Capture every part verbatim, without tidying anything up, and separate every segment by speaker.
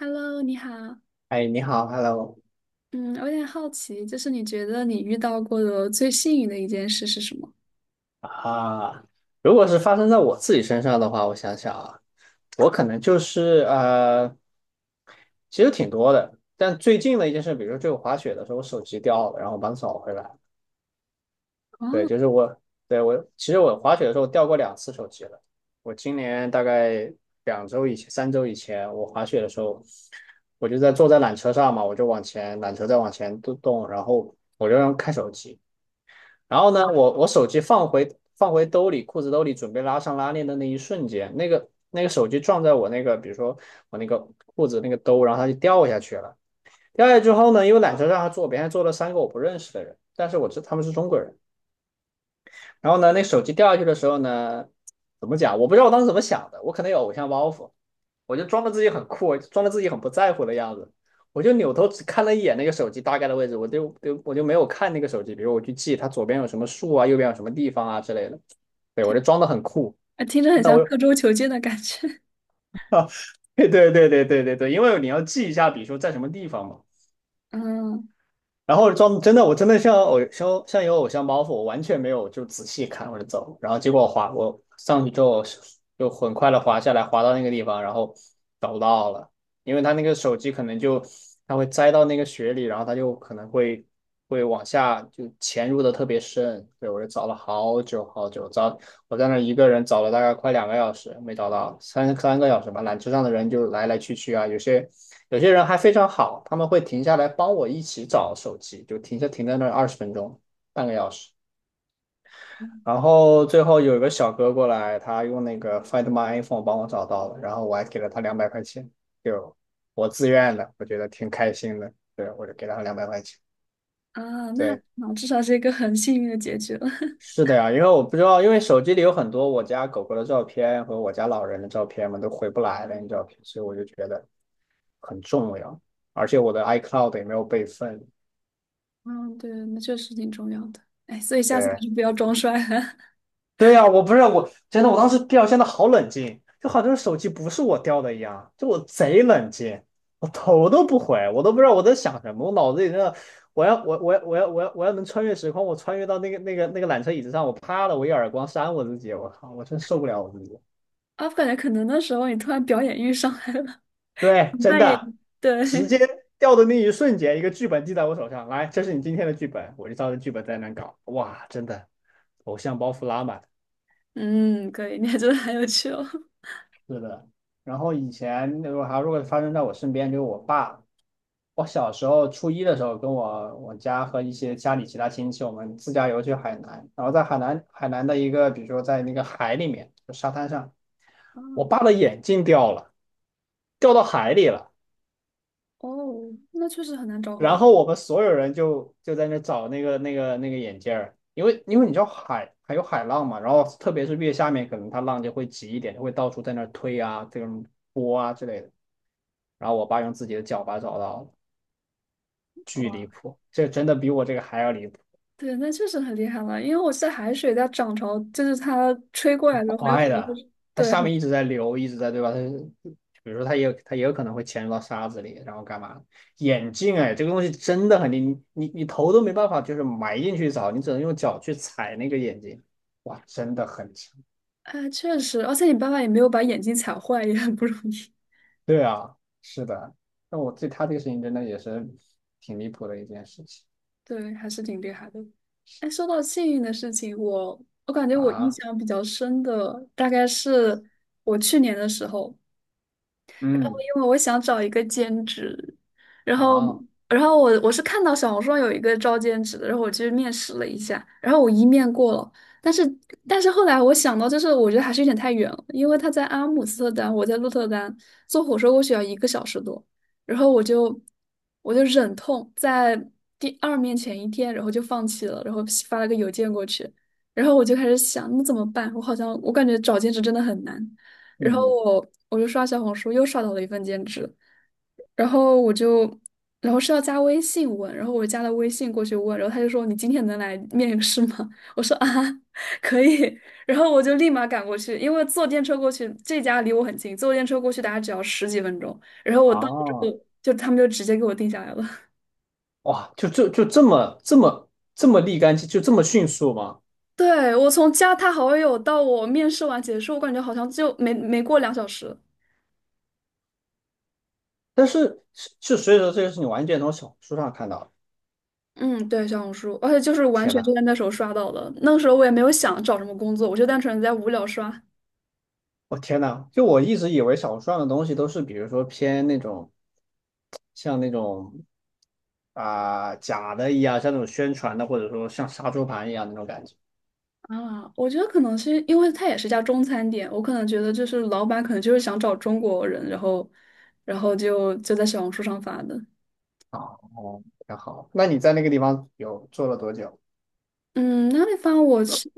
Speaker 1: Hello，你好。
Speaker 2: 哎，你好，Hello
Speaker 1: 嗯，我有点好奇，就是你觉得你遇到过的最幸运的一件事是什么？
Speaker 2: 啊。如果是发生在我自己身上的话，我想想啊，我可能就是呃，其实挺多的。但最近的一件事，比如说就滑雪的时候，我手机掉了，然后我把它找回来。对，
Speaker 1: 哦，
Speaker 2: 就是我，对，我，其实我滑雪的时候掉过两次手机了。我今年大概两周以前、三周以前，我滑雪的时候，我就在坐在缆车上嘛，我就往前，缆车在往前动动，然后我就让开手机。然后呢，我我手机放回放回兜里，裤子兜里，准备拉上拉链的那一瞬间，那个那个手机撞在我那个，比如说我那个裤子那个兜，然后它就掉下去了。掉下去之后呢，因为缆车上还坐别人，还坐了三个我不认识的人，但是我知他们是中国人。然后呢，那手机掉下去的时候呢，怎么讲？我不知道我当时怎么想的，我可能有偶像包袱，我就装的自己很酷，装的自己很不在乎的样子，我就扭头只看了一眼那个手机大概的位置，我就就我就没有看那个手机，比如我去记它左边有什么树啊，右边有什么地方啊之类的，对，我就装的很酷。
Speaker 1: 呃听着很
Speaker 2: 那我
Speaker 1: 像刻舟求剑的感觉。
Speaker 2: 啊，对对对对对对对，因为你要记一下，比如说在什么地方嘛。
Speaker 1: 嗯
Speaker 2: 然后装真的，我真的像偶像像有偶像包袱，我完全没有就仔细看我就走，然后结果我滑我上去之后就很快的滑下来，滑到那个地方，然后找不到了，因为他那个手机可能就它会栽到那个雪里，然后它就可能会会往下就潜入的特别深，对我就找了好久好久，找我在那儿一个人找了大概快两个小时没找到，三三个小时吧，缆车上的人就来来去去啊，有些。有些人还非常好，他们会停下来帮我一起找手机，就停下停在那二十分钟，半个小时。然后最后有一个小哥过来，他用那个 Find My iPhone 帮我找到了，然后我还给了他两百块钱，就我自愿的，我觉得挺开心的。对，我就给了他两百块钱。
Speaker 1: 啊，那
Speaker 2: 对，
Speaker 1: 啊，至少是一个很幸运的结局了。
Speaker 2: 是的呀，因为我不知道，因为手机里有很多我家狗狗的照片和我家老人的照片嘛，都回不来了那照片，所以我就觉得很重要。而且我的 iCloud 也没有备份。
Speaker 1: 嗯，对，那确实挺重要的。哎，所以下次还
Speaker 2: 对，
Speaker 1: 是不要装帅了。
Speaker 2: 对呀，我不是我，真的，我当时掉，现的好冷静，就好像手机不是我掉的一样，就我贼冷静，我头都不回，我都不知道我在想什么，我脑子里真的，我要我我要我要我要我要能穿越时空，我穿越到那个那个那个缆车椅子上，我啪的我一耳光扇我自己，我靠，我真受不了我自己。
Speaker 1: 啊，我感觉可能那时候你突然表演欲上来了，
Speaker 2: 对，真
Speaker 1: 扮演，
Speaker 2: 的，直
Speaker 1: 对，
Speaker 2: 接掉的那一瞬间，一个剧本递在我手上，来，这是你今天的剧本，我就照着剧本在那搞，哇，真的，偶像包袱拉满。
Speaker 1: 嗯，可以，你还真的很有趣哦。
Speaker 2: 是的，然后以前如果还如果发生在我身边，就是我爸，我小时候初一的时候，跟我我家和一些家里其他亲戚，我们自驾游去海南，然后在海南海南的一个，比如说在那个海里面，就沙滩上，
Speaker 1: 啊，
Speaker 2: 我爸的眼镜掉了，掉到海里了，
Speaker 1: 哦，那确实很难找回
Speaker 2: 然
Speaker 1: 来。
Speaker 2: 后我们所有人就就在那找那个那个那个眼镜儿，因为因为你知道海还有海浪嘛，然后特别是越下面，可能它浪就会急一点，就会到处在那儿推啊，这种波啊之类的。然后我爸用自己的脚把找到了，巨离谱，这真的比我这个还要离谱，
Speaker 1: 对，那确实很厉害了，因为我记得海水在涨潮，就是它吹过来的时候，很有可
Speaker 2: 快
Speaker 1: 能会
Speaker 2: 的，
Speaker 1: 是
Speaker 2: 它
Speaker 1: 对，
Speaker 2: 下
Speaker 1: 很
Speaker 2: 面一直在流，一直在对吧？它比如说它也它也有可能会潜入到沙子里，然后干嘛？眼镜哎，这个东西真的很离，你你你头都没办法就是埋进去找，你只能用脚去踩那个眼镜，哇，真的很强。
Speaker 1: 哎确实，而且你爸爸也没有把眼睛踩坏，也很不容易，
Speaker 2: 对啊，是的，那我对他这个事情真的也是挺离谱的一件事情。
Speaker 1: 对，还是挺厉害的。哎，说到幸运的事情，我我感觉我印
Speaker 2: 啊，
Speaker 1: 象比较深的大概是我去年的时候，然后
Speaker 2: 嗯，
Speaker 1: 因为我想找一个兼职，然后
Speaker 2: 好，
Speaker 1: 然后我我是看到小红书上有一个招兼职的，然后我去面试了一下，然后我一面过了，但是但是后来我想到，就是我觉得还是有点太远了，因为他在阿姆斯特丹，我在鹿特丹，坐火车过去要一个小时多，然后我就我就忍痛在第二面前一天，然后就放弃了，然后发了个邮件过去，然后我就开始想，那怎么办？我好像我感觉找兼职真的很难。然后
Speaker 2: 嗯，
Speaker 1: 我我就刷小红书，又刷到了一份兼职，然后我就，然后是要加微信问，然后我加了微信过去问，然后他就说你今天能来面试吗？我说啊，可以，然后我就立马赶过去，因为坐电车过去，这家离我很近，坐电车过去大概只要十几分钟，然后我到了之
Speaker 2: 好。
Speaker 1: 后，就他们就直接给我定下来了。
Speaker 2: 哇，就就就这么这么这么立竿见，就这么迅速吗？
Speaker 1: 对，我从加他好友到我面试完结束，我感觉好像就没没过两小时。
Speaker 2: 但是是是，所以说这个是你完全从小红书上看到的。
Speaker 1: 嗯，对，小红书，而且就是完
Speaker 2: 天
Speaker 1: 全
Speaker 2: 呐，
Speaker 1: 就在那时候刷到的。那个时候我也没有想找什么工作，我就单纯在无聊刷
Speaker 2: 我天呐，就我一直以为小红书上的东西都是，比如说偏那种像那种啊，假的一样，像那种宣传的，或者说像杀猪盘一样那种感觉。
Speaker 1: 啊。我觉得可能是因为它也是家中餐店，我可能觉得就是老板可能就是想找中国人，然后，然后就就在小红书上发的。
Speaker 2: 哦，挺好。那你在那个地方有做了多久？
Speaker 1: 嗯，那地方我是，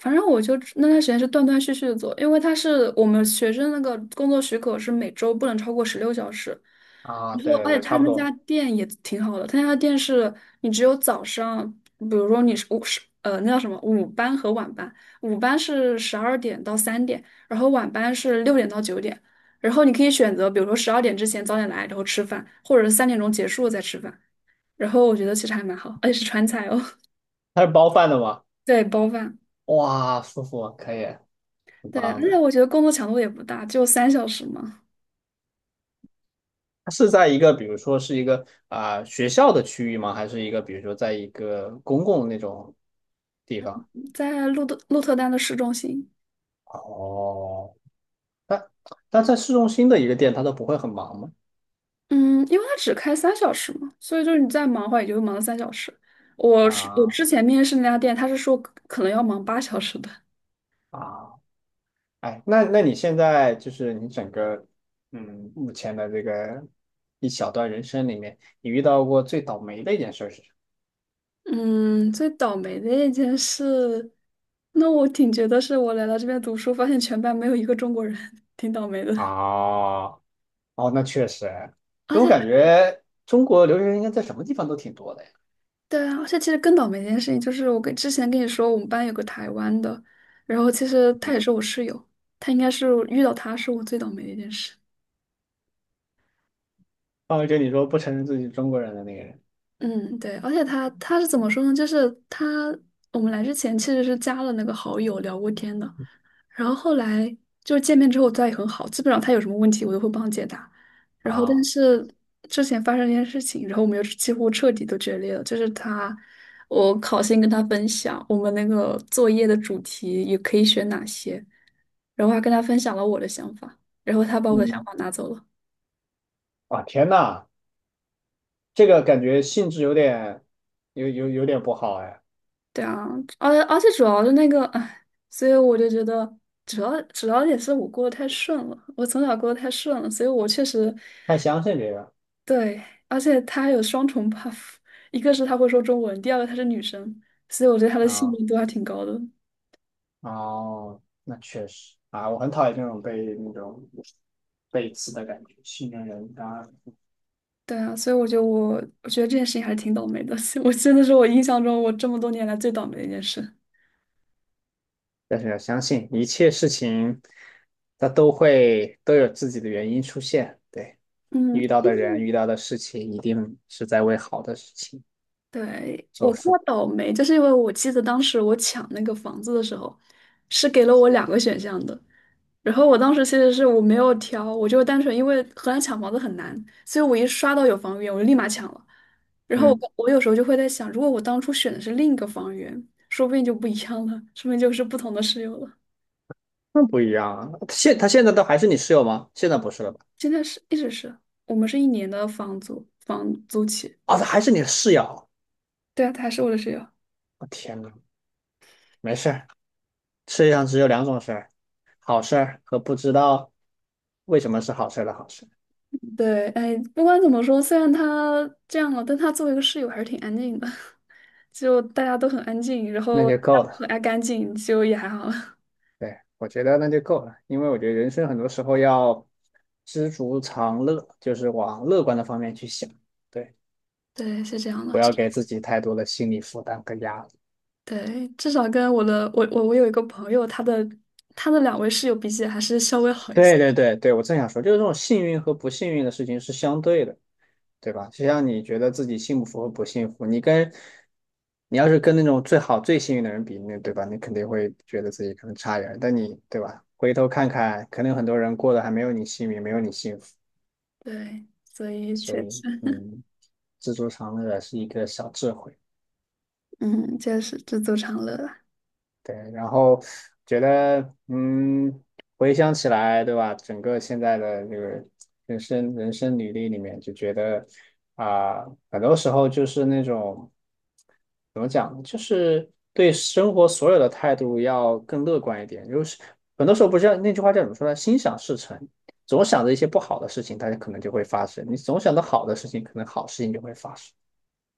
Speaker 1: 反正我就那段时间是断断续续的做，因为他是我们学生那个工作许可是每周不能超过十六小时，
Speaker 2: 啊，
Speaker 1: 然后
Speaker 2: 对对
Speaker 1: 而
Speaker 2: 对，
Speaker 1: 且他
Speaker 2: 差不
Speaker 1: 们家
Speaker 2: 多
Speaker 1: 店也挺好的，他家店是你只有早上，比如说你是午是呃那叫什么午班和晚班，午班是十二点到三点，然后晚班是六点到九点，然后你可以选择比如说十二点之前早点来，然后吃饭，或者是三点钟结束再吃饭，然后我觉得其实还蛮好，而且是川菜哦，
Speaker 2: 它是包饭的吗？
Speaker 1: 对，包饭。
Speaker 2: 哇，舒服，可以，很
Speaker 1: 对，而
Speaker 2: 棒
Speaker 1: 且
Speaker 2: 的。
Speaker 1: 我觉得工作强度也不大，就有三小时嘛，
Speaker 2: 它是在一个，比如说是一个啊，学校的区域吗？还是一个，比如说在一个公共那种地方？
Speaker 1: 在鹿特鹿特丹的市中心。
Speaker 2: 哦，但但在市中心的一个店，它都不会很忙吗？
Speaker 1: 嗯，因为它只开三小时嘛，所以就是你再忙的话，也就忙了三小时。我是我
Speaker 2: 啊
Speaker 1: 之前面试那家店，他是说可可能要忙八小时的。
Speaker 2: 啊，哎，那那你现在就是你整个嗯目前的这个一小段人生里面，你遇到过最倒霉的一件事是什
Speaker 1: 嗯，最倒霉的一件事，那我挺觉得是我来到这边读书，发现全班没有一个中国人，挺倒霉
Speaker 2: 么？
Speaker 1: 的。
Speaker 2: 啊，哦，那确实，
Speaker 1: 而
Speaker 2: 所以我感
Speaker 1: 且。
Speaker 2: 觉中国留学生应该在什么地方都挺多的呀。
Speaker 1: 对啊，而且其实更倒霉的一件事情就是，我跟之前跟你说，我们班有个台湾的，然后其实他也是我室友，他应该是遇到他是我最倒霉的一件事。
Speaker 2: 啊，就你说不承认自己是中国人的那个人。
Speaker 1: 嗯，对，而且他他是怎么说呢？就是他我们来之前其实是加了那个好友聊过天的，然后后来就是见面之后，他也很好，基本上他有什么问题我都会帮他解答。然后但
Speaker 2: 啊，
Speaker 1: 是之前发生一件事情，然后我们又是几乎彻底都决裂了，就是他我考先跟他分享我们那个作业的主题也可以选哪些，然后还跟他分享了我的想法，然后他把我的想
Speaker 2: 嗯，
Speaker 1: 法拿走了。
Speaker 2: 啊，天呐，这个感觉性质有点，有有有点不好哎，
Speaker 1: 对啊，而且而且主要是那个，唉，所以我就觉得，主要主要也是我过得太顺了，我从小过得太顺了，所以我确实
Speaker 2: 太相信这个
Speaker 1: 对，而且他还有双重 buff，一个是他会说中文，第二个他是女生，所以我觉得他的幸
Speaker 2: 啊，
Speaker 1: 运度还挺高的。
Speaker 2: 哦，那确实啊，我很讨厌这种被那种背刺的感觉，信任人当然，
Speaker 1: 对啊，所以我觉得我我觉得这件事情还是挺倒霉的，我真的是我印象中我这么多年来最倒霉的一件事。
Speaker 2: 但是要相信一切事情，它都会都有自己的原因出现，对，
Speaker 1: 嗯，
Speaker 2: 遇到的人遇到的事情一定是在为好的事情
Speaker 1: 对，
Speaker 2: 做
Speaker 1: 我说
Speaker 2: 付，
Speaker 1: 倒霉，就是因为我记得当时我抢那个房子的时候，是给了我两个选项的。然后我当时其实是我没有挑，我就单纯因为荷兰抢房子很难，所以我一刷到有房源，我就立马抢了。然后
Speaker 2: 嗯，
Speaker 1: 我我有时候就会在想，如果我当初选的是另一个房源，说不定就不一样了，说不定就是不同的室友了。
Speaker 2: 那不一样啊，现他现在都还是你室友吗？现在不是了吧？
Speaker 1: 现在是一直是我们是一年的房租房租期，
Speaker 2: 哦，这还是你的室友。
Speaker 1: 对啊，他还是我的室友。
Speaker 2: 我，天呐，没事儿，世界上只有两种事儿，好事儿和不知道为什么是好事儿的好事，
Speaker 1: 对，哎，不管怎么说，虽然他这样了，但他作为一个室友还是挺安静的，就大家都很安静，然
Speaker 2: 那
Speaker 1: 后
Speaker 2: 就
Speaker 1: 大
Speaker 2: 够
Speaker 1: 家都
Speaker 2: 了。
Speaker 1: 很爱干净，就也还好了。
Speaker 2: 对，我觉得那就够了，因为我觉得人生很多时候要知足常乐，就是往乐观的方面去想，对，
Speaker 1: 对，是这样的。
Speaker 2: 不要给自己太多的心理负担和压力。
Speaker 1: 对，至少跟我的我我我有一个朋友，他的他的两位室友比起来还是稍微好一些。
Speaker 2: 对对对对，我正想说，就是这种幸运和不幸运的事情是相对的，对吧？就像你觉得自己幸福和不幸福，你跟你要是跟那种最好最幸运的人比，那对吧？你肯定会觉得自己可能差一点儿但你对吧？回头看看，可能有很多人过得还没有你幸运，没有你幸福，
Speaker 1: 对，所以
Speaker 2: 所
Speaker 1: 确
Speaker 2: 以
Speaker 1: 实，
Speaker 2: 嗯，知足常乐是一个小智慧。
Speaker 1: 嗯，确实知足常乐啊。
Speaker 2: 对，然后觉得，嗯，回想起来，对吧？整个现在的这个人生人生履历里面，就觉得啊，很多时候就是那种怎么讲，就是对生活所有的态度要更乐观一点。就是很多时候不是那句话叫怎么说呢？心想事成，总想着一些不好的事情，它可能就会发生；你总想着好的事情，可能好事情就会发生。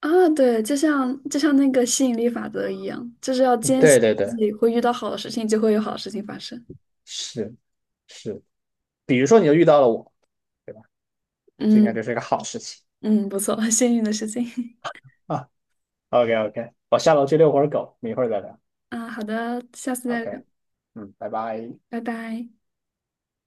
Speaker 1: 啊，对，就像就像那个吸引力法则一样，就是要坚
Speaker 2: 对
Speaker 1: 信
Speaker 2: 对
Speaker 1: 自
Speaker 2: 对，
Speaker 1: 己会遇到好的事情，就会有好的事情发生。
Speaker 2: 是是。比如说，你就遇到了我。这应该
Speaker 1: 嗯
Speaker 2: 就是一个好事情
Speaker 1: 嗯，不错，幸运的事情
Speaker 2: 啊。o k o k，我下楼去遛会儿狗，我们一会儿再聊。
Speaker 1: 啊。好的，下次再聊，
Speaker 2: OK，嗯，拜拜。
Speaker 1: 拜拜。